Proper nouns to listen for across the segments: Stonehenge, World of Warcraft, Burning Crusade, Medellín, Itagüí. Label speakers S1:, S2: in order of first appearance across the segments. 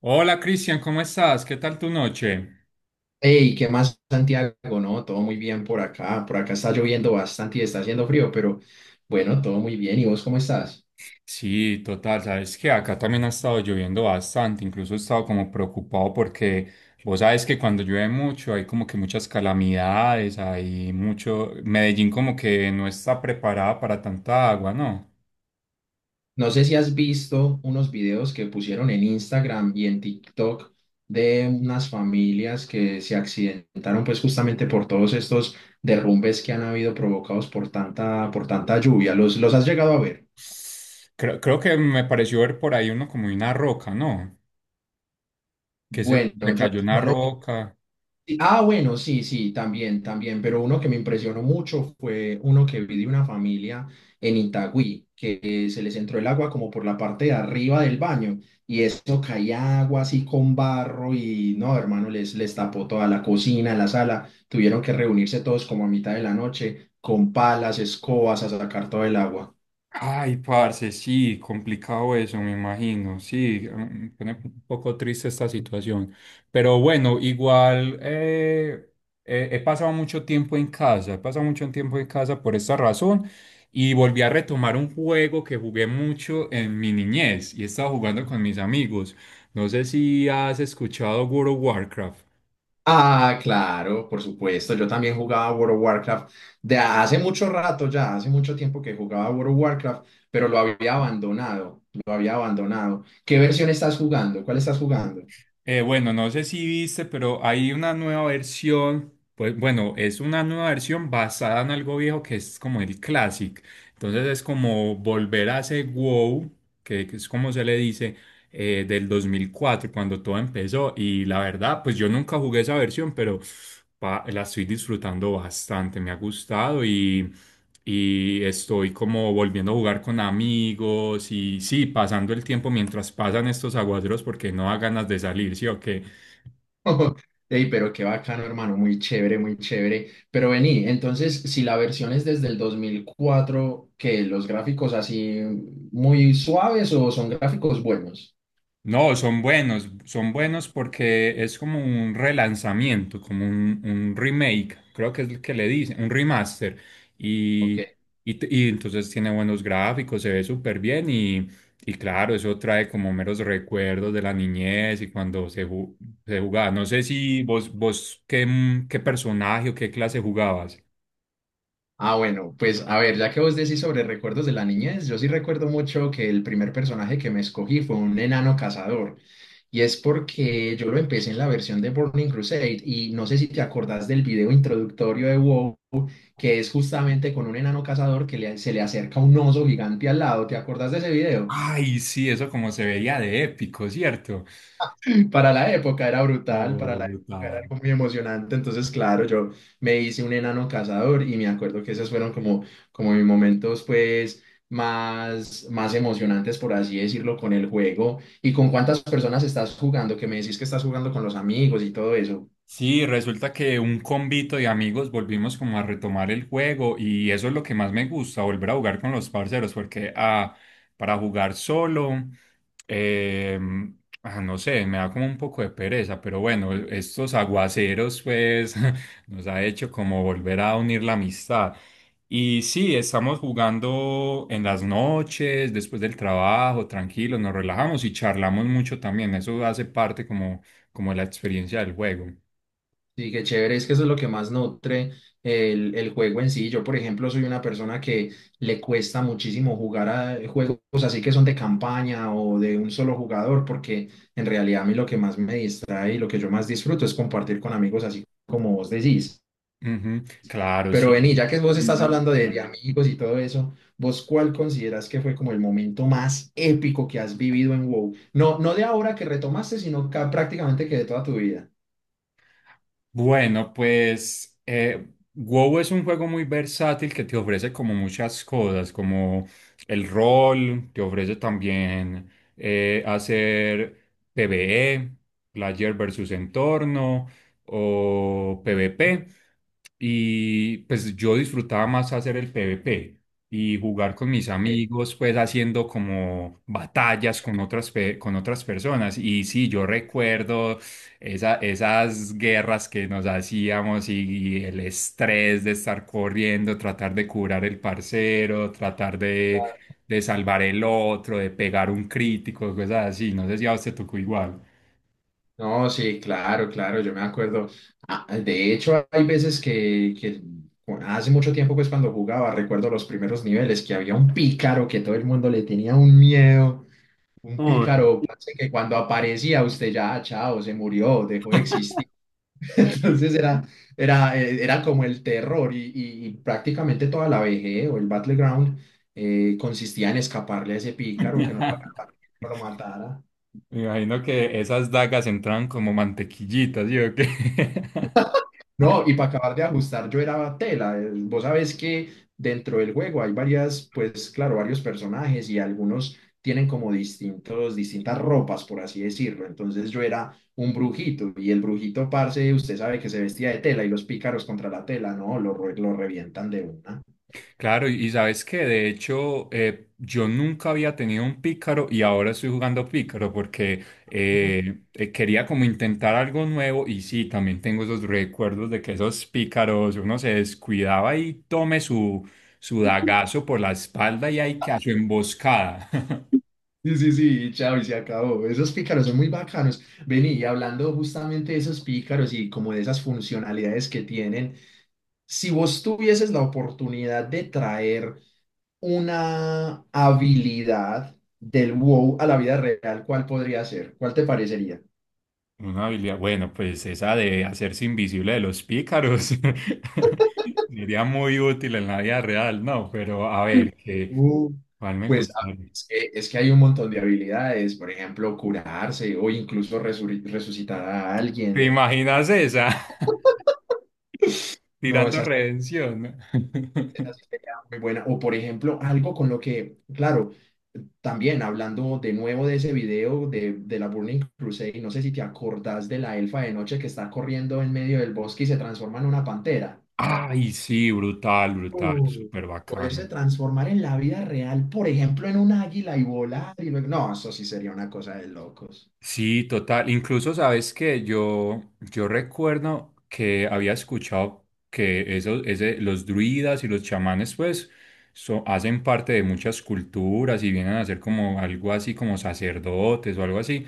S1: Hola Cristian, ¿cómo estás? ¿Qué tal tu noche?
S2: Hey, ¿qué más, Santiago? No, todo muy bien por acá. Por acá está lloviendo bastante y está haciendo frío, pero bueno, todo muy bien. ¿Y vos cómo estás?
S1: Sí, total, sabes que acá también ha estado lloviendo bastante, incluso he estado como preocupado porque vos sabes que cuando llueve mucho hay como que muchas calamidades, hay mucho, Medellín como que no está preparada para tanta agua, ¿no?
S2: No sé si has visto unos videos que pusieron en Instagram y en TikTok de unas familias que se accidentaron pues justamente por todos estos derrumbes que han habido provocados por tanta lluvia. ¿Los has llegado a ver?
S1: Creo que me pareció ver por ahí uno como una roca, ¿no? Que se,
S2: Bueno,
S1: se
S2: yo
S1: cayó una
S2: no lo vi.
S1: roca.
S2: Sí, ah, bueno, sí, sí, también, también, pero uno que me impresionó mucho fue uno que vi de una familia en Itagüí, que se les entró el agua como por la parte de arriba del baño y eso caía agua así con barro y no, hermano, les tapó toda la cocina, la sala, tuvieron que reunirse todos como a mitad de la noche con palas, escobas a sacar todo el agua.
S1: Ay, parce, sí, complicado eso, me imagino. Sí, pone un poco triste esta situación. Pero bueno, igual, he pasado mucho tiempo en casa, he pasado mucho tiempo en casa por esta razón y volví a retomar un juego que jugué mucho en mi niñez y he estado jugando con mis amigos. No sé si has escuchado World of Warcraft.
S2: Ah, claro, por supuesto. Yo también jugaba World of Warcraft de hace mucho rato ya, hace mucho tiempo que jugaba World of Warcraft, pero lo había abandonado, lo había abandonado. ¿Qué versión estás jugando? ¿Cuál estás jugando?
S1: Bueno, no sé si viste, pero hay una nueva versión, pues bueno, es una nueva versión basada en algo viejo que es como el Classic. Entonces es como volver a ese WoW, que es como se le dice, del 2004 cuando todo empezó. Y la verdad, pues yo nunca jugué esa versión, pero la estoy disfrutando bastante, me ha gustado y estoy como volviendo a jugar con amigos y sí, pasando el tiempo mientras pasan estos aguaceros porque no da ganas de salir, ¿sí o
S2: Ey, pero qué bacano, hermano, muy chévere, muy chévere. Pero vení, entonces, si la versión es desde el 2004, ¿que los gráficos así muy suaves o son gráficos buenos?
S1: No, son buenos porque es como un relanzamiento, como un remake, creo que es lo que le dicen, un remaster.
S2: Ok.
S1: Y, y entonces tiene buenos gráficos, se ve súper bien y claro, eso trae como meros recuerdos de la niñez y cuando se jugaba. No sé si vos qué, qué personaje o qué clase jugabas.
S2: Ah, bueno, pues a ver, ya que vos decís sobre recuerdos de la niñez, yo sí recuerdo mucho que el primer personaje que me escogí fue un enano cazador. Y es porque yo lo empecé en la versión de Burning Crusade y no sé si te acordás del video introductorio de WoW, que es justamente con un enano cazador que se le acerca un oso gigante al lado. ¿Te acordás de ese video?
S1: Ay, sí, eso como se veía de épico, ¿cierto?
S2: Para la época era brutal, para
S1: Oh,
S2: la época era
S1: brutal.
S2: algo muy emocionante. Entonces, claro, yo me hice un enano cazador y me acuerdo que esos fueron como, como mis momentos, pues, más emocionantes, por así decirlo, con el juego. ¿Y con cuántas personas estás jugando? Que me decís que estás jugando con los amigos y todo eso.
S1: Sí, resulta que un convito de amigos volvimos como a retomar el juego y eso es lo que más me gusta, volver a jugar con los parceros, porque para jugar solo, eh, no sé, me da como un poco de pereza, pero bueno, estos aguaceros pues nos ha hecho como volver a unir la amistad. Y sí, estamos jugando en las noches, después del trabajo, tranquilos, nos relajamos y charlamos mucho también, eso hace parte como de la experiencia del juego.
S2: Sí, qué chévere, es que eso es lo que más nutre el juego en sí. Yo, por ejemplo, soy una persona que le cuesta muchísimo jugar a juegos así que son de campaña o de un solo jugador, porque en realidad a mí lo que más me distrae y lo que yo más disfruto es compartir con amigos así como vos decís.
S1: Ujú, claro,
S2: Pero
S1: sí.
S2: vení, ya que vos estás, ujú, hablando de amigos y todo eso, ¿vos cuál consideras que fue como el momento más épico que has vivido en WoW? No, no de ahora que retomaste, sino prácticamente que de toda tu vida.
S1: Bueno, pues WoW es un juego muy versátil que te ofrece como muchas cosas, como el rol, te ofrece también hacer PvE, player versus entorno o PvP. Y pues yo disfrutaba más hacer el PvP y jugar con mis
S2: Ok.
S1: amigos, pues haciendo como batallas con otras, con otras personas. Y sí, yo recuerdo esas guerras que nos hacíamos y el estrés de estar corriendo, tratar de curar el parcero, tratar de salvar el otro, de pegar un crítico, cosas así. No sé si a usted tocó igual.
S2: No, sí, claro, claro, yo me acuerdo. Ah, de hecho, hay veces que hace mucho tiempo, pues cuando jugaba, recuerdo los primeros niveles, que había un pícaro que todo el mundo le tenía un miedo, un
S1: Uy.
S2: pícaro parce, que cuando aparecía usted ya, "Ah, chao, se murió, dejó de existir". Entonces era como el terror y, y prácticamente toda la BG o el Battleground consistía en escaparle a ese pícaro, que no lo agarrara, no lo matara.
S1: Me imagino que esas dagas entraban como mantequillitas, ¿sí o qué?
S2: No, y para acabar de ajustar, yo era tela. Vos sabés que dentro del juego hay varias, pues claro, varios personajes y algunos tienen como distintos, distintas ropas, por así decirlo. Entonces yo era un brujito y el brujito, parce, usted sabe que se vestía de tela y los pícaros contra la tela, no, lo revientan de una.
S1: Claro, y sabes que de hecho yo nunca había tenido un pícaro y ahora estoy jugando pícaro porque quería como intentar algo nuevo y sí, también tengo esos recuerdos de que esos pícaros uno se descuidaba y tome su dagazo por la espalda y hay que hacer su emboscada.
S2: Sí, sí, sí, y chao, y se acabó. Esos pícaros son muy bacanos. Vení, y hablando justamente de esos pícaros y como de esas funcionalidades que tienen, si vos tuvieses la oportunidad de traer una habilidad del WoW a la vida real, ¿cuál podría ser? ¿Cuál te parecería?
S1: Una habilidad, bueno, pues esa de hacerse invisible de los pícaros sería muy útil en la vida real, ¿no? Pero a
S2: Mm.
S1: ver, que,
S2: Uh,
S1: ¿cuál me
S2: pues
S1: gusta?
S2: es que hay un montón de habilidades, por ejemplo, curarse o incluso resucitar a
S1: ¿Te
S2: alguien.
S1: imaginas esa?
S2: No,
S1: Tirando
S2: esas,
S1: redención, ¿no?
S2: esa sí sería muy buena. O por ejemplo, algo con lo que, claro, también hablando de nuevo de ese video de la Burning Crusade, no sé si te acordás de la elfa de noche que está corriendo en medio del bosque y se transforma en una pantera.
S1: Ay, sí, brutal, brutal,
S2: Uh,
S1: súper
S2: Poderse
S1: bacano.
S2: transformar en la vida real, por ejemplo, en un águila y volar y luego... No, eso sí sería una cosa de locos.
S1: Sí, total. Incluso sabes que yo recuerdo que había escuchado que los druidas y los chamanes, pues, hacen parte de muchas culturas y vienen a ser como algo así como sacerdotes o algo así.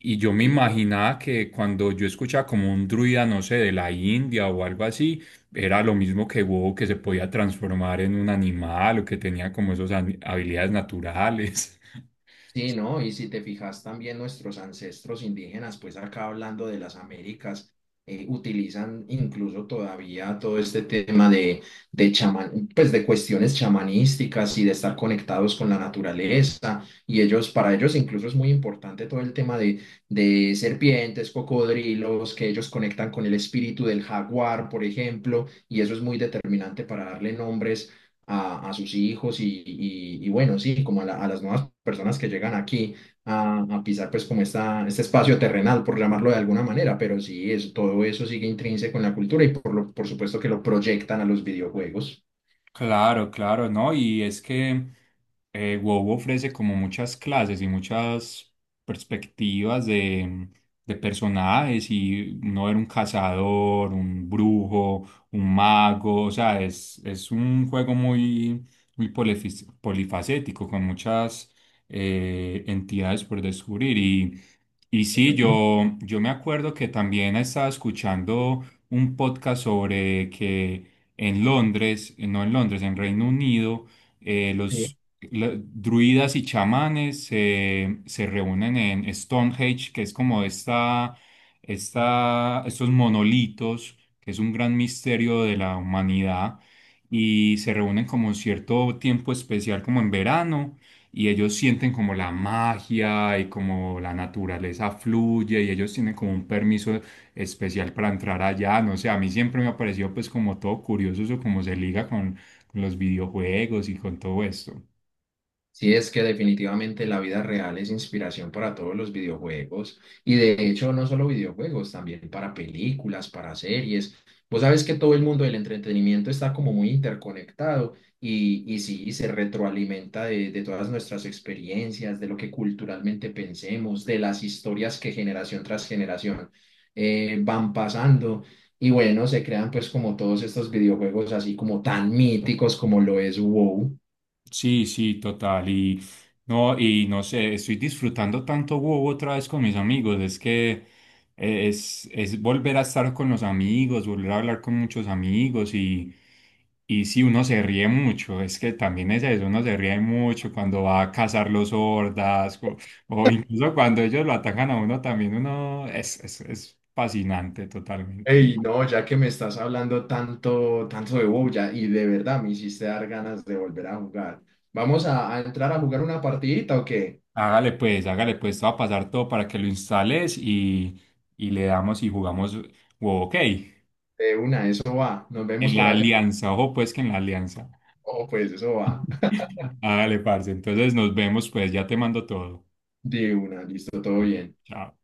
S1: Y yo me
S2: Sí.
S1: imaginaba que cuando yo escuchaba como un druida, no sé, de la India o algo así, era lo mismo que WoW, que se podía transformar en un animal o que tenía como esas habilidades naturales.
S2: Sí, ¿no? Y si te fijas también nuestros ancestros indígenas, pues acá hablando de las Américas, utilizan incluso todavía todo este tema de chaman, pues de cuestiones chamanísticas y de estar conectados con la naturaleza. Y ellos, para ellos incluso es muy importante todo el tema de serpientes, cocodrilos, que ellos conectan con el espíritu del jaguar, por ejemplo, y eso es muy determinante para darle nombres a sus hijos y, y bueno, sí, como a, a las nuevas personas que llegan aquí a pisar pues como esta, este espacio terrenal, por llamarlo de alguna manera, pero sí, es, todo eso sigue intrínseco en la cultura y por, lo, por supuesto que lo proyectan a los videojuegos.
S1: Claro, claro, ¿no? Y es que WoW ofrece como muchas clases y muchas perspectivas de personajes y no era un cazador, un brujo, un mago, o sea, es un juego muy, polifacético con muchas entidades por descubrir y sí,
S2: Ujú.
S1: yo me acuerdo que también estaba escuchando un podcast sobre que en Londres, no en Londres, en Reino Unido,
S2: Sí.
S1: los druidas y chamanes se reúnen en Stonehenge, que es como estos monolitos, que es un gran misterio de la humanidad, y se reúnen como un cierto tiempo especial, como en verano. Y ellos sienten como la magia y como la naturaleza fluye y ellos tienen como un permiso especial para entrar allá, no sé, a mí siempre me ha parecido pues como todo curioso eso, como se liga con los videojuegos y con todo esto.
S2: Sí, es que definitivamente la vida real es inspiración para todos los videojuegos y de hecho no solo videojuegos, también para películas, para series. Vos sabes que todo el mundo del entretenimiento está como muy interconectado y sí, y se retroalimenta de todas nuestras experiencias, de lo que culturalmente pensemos, de las historias que generación tras generación van pasando. Y bueno, se crean pues como todos estos videojuegos así como tan míticos como lo es WoW.
S1: Sí, sí, total. Y no sé, estoy disfrutando tanto WoW otra vez con mis amigos. Es que es volver a estar con los amigos, volver a hablar con muchos amigos y sí, uno se ríe mucho. Es que también es eso, uno se ríe mucho cuando va a cazar los hordas o incluso cuando ellos lo atacan a uno también. Uno es fascinante totalmente.
S2: Ey, no, ya que me estás hablando tanto, tanto de WoW ya, y de verdad me hiciste dar ganas de volver a jugar. ¿Vamos a entrar a jugar una partidita o qué?
S1: Hágale pues, te va a pasar todo para que lo instales y le damos y jugamos. Wow, ok, en
S2: De una, eso va. Nos vemos por
S1: la
S2: allá.
S1: alianza, ojo pues que en la alianza.
S2: Oh, pues eso va.
S1: Hágale, parce. Entonces nos vemos pues, ya te mando todo.
S2: De una, listo, todo bien.
S1: Chao.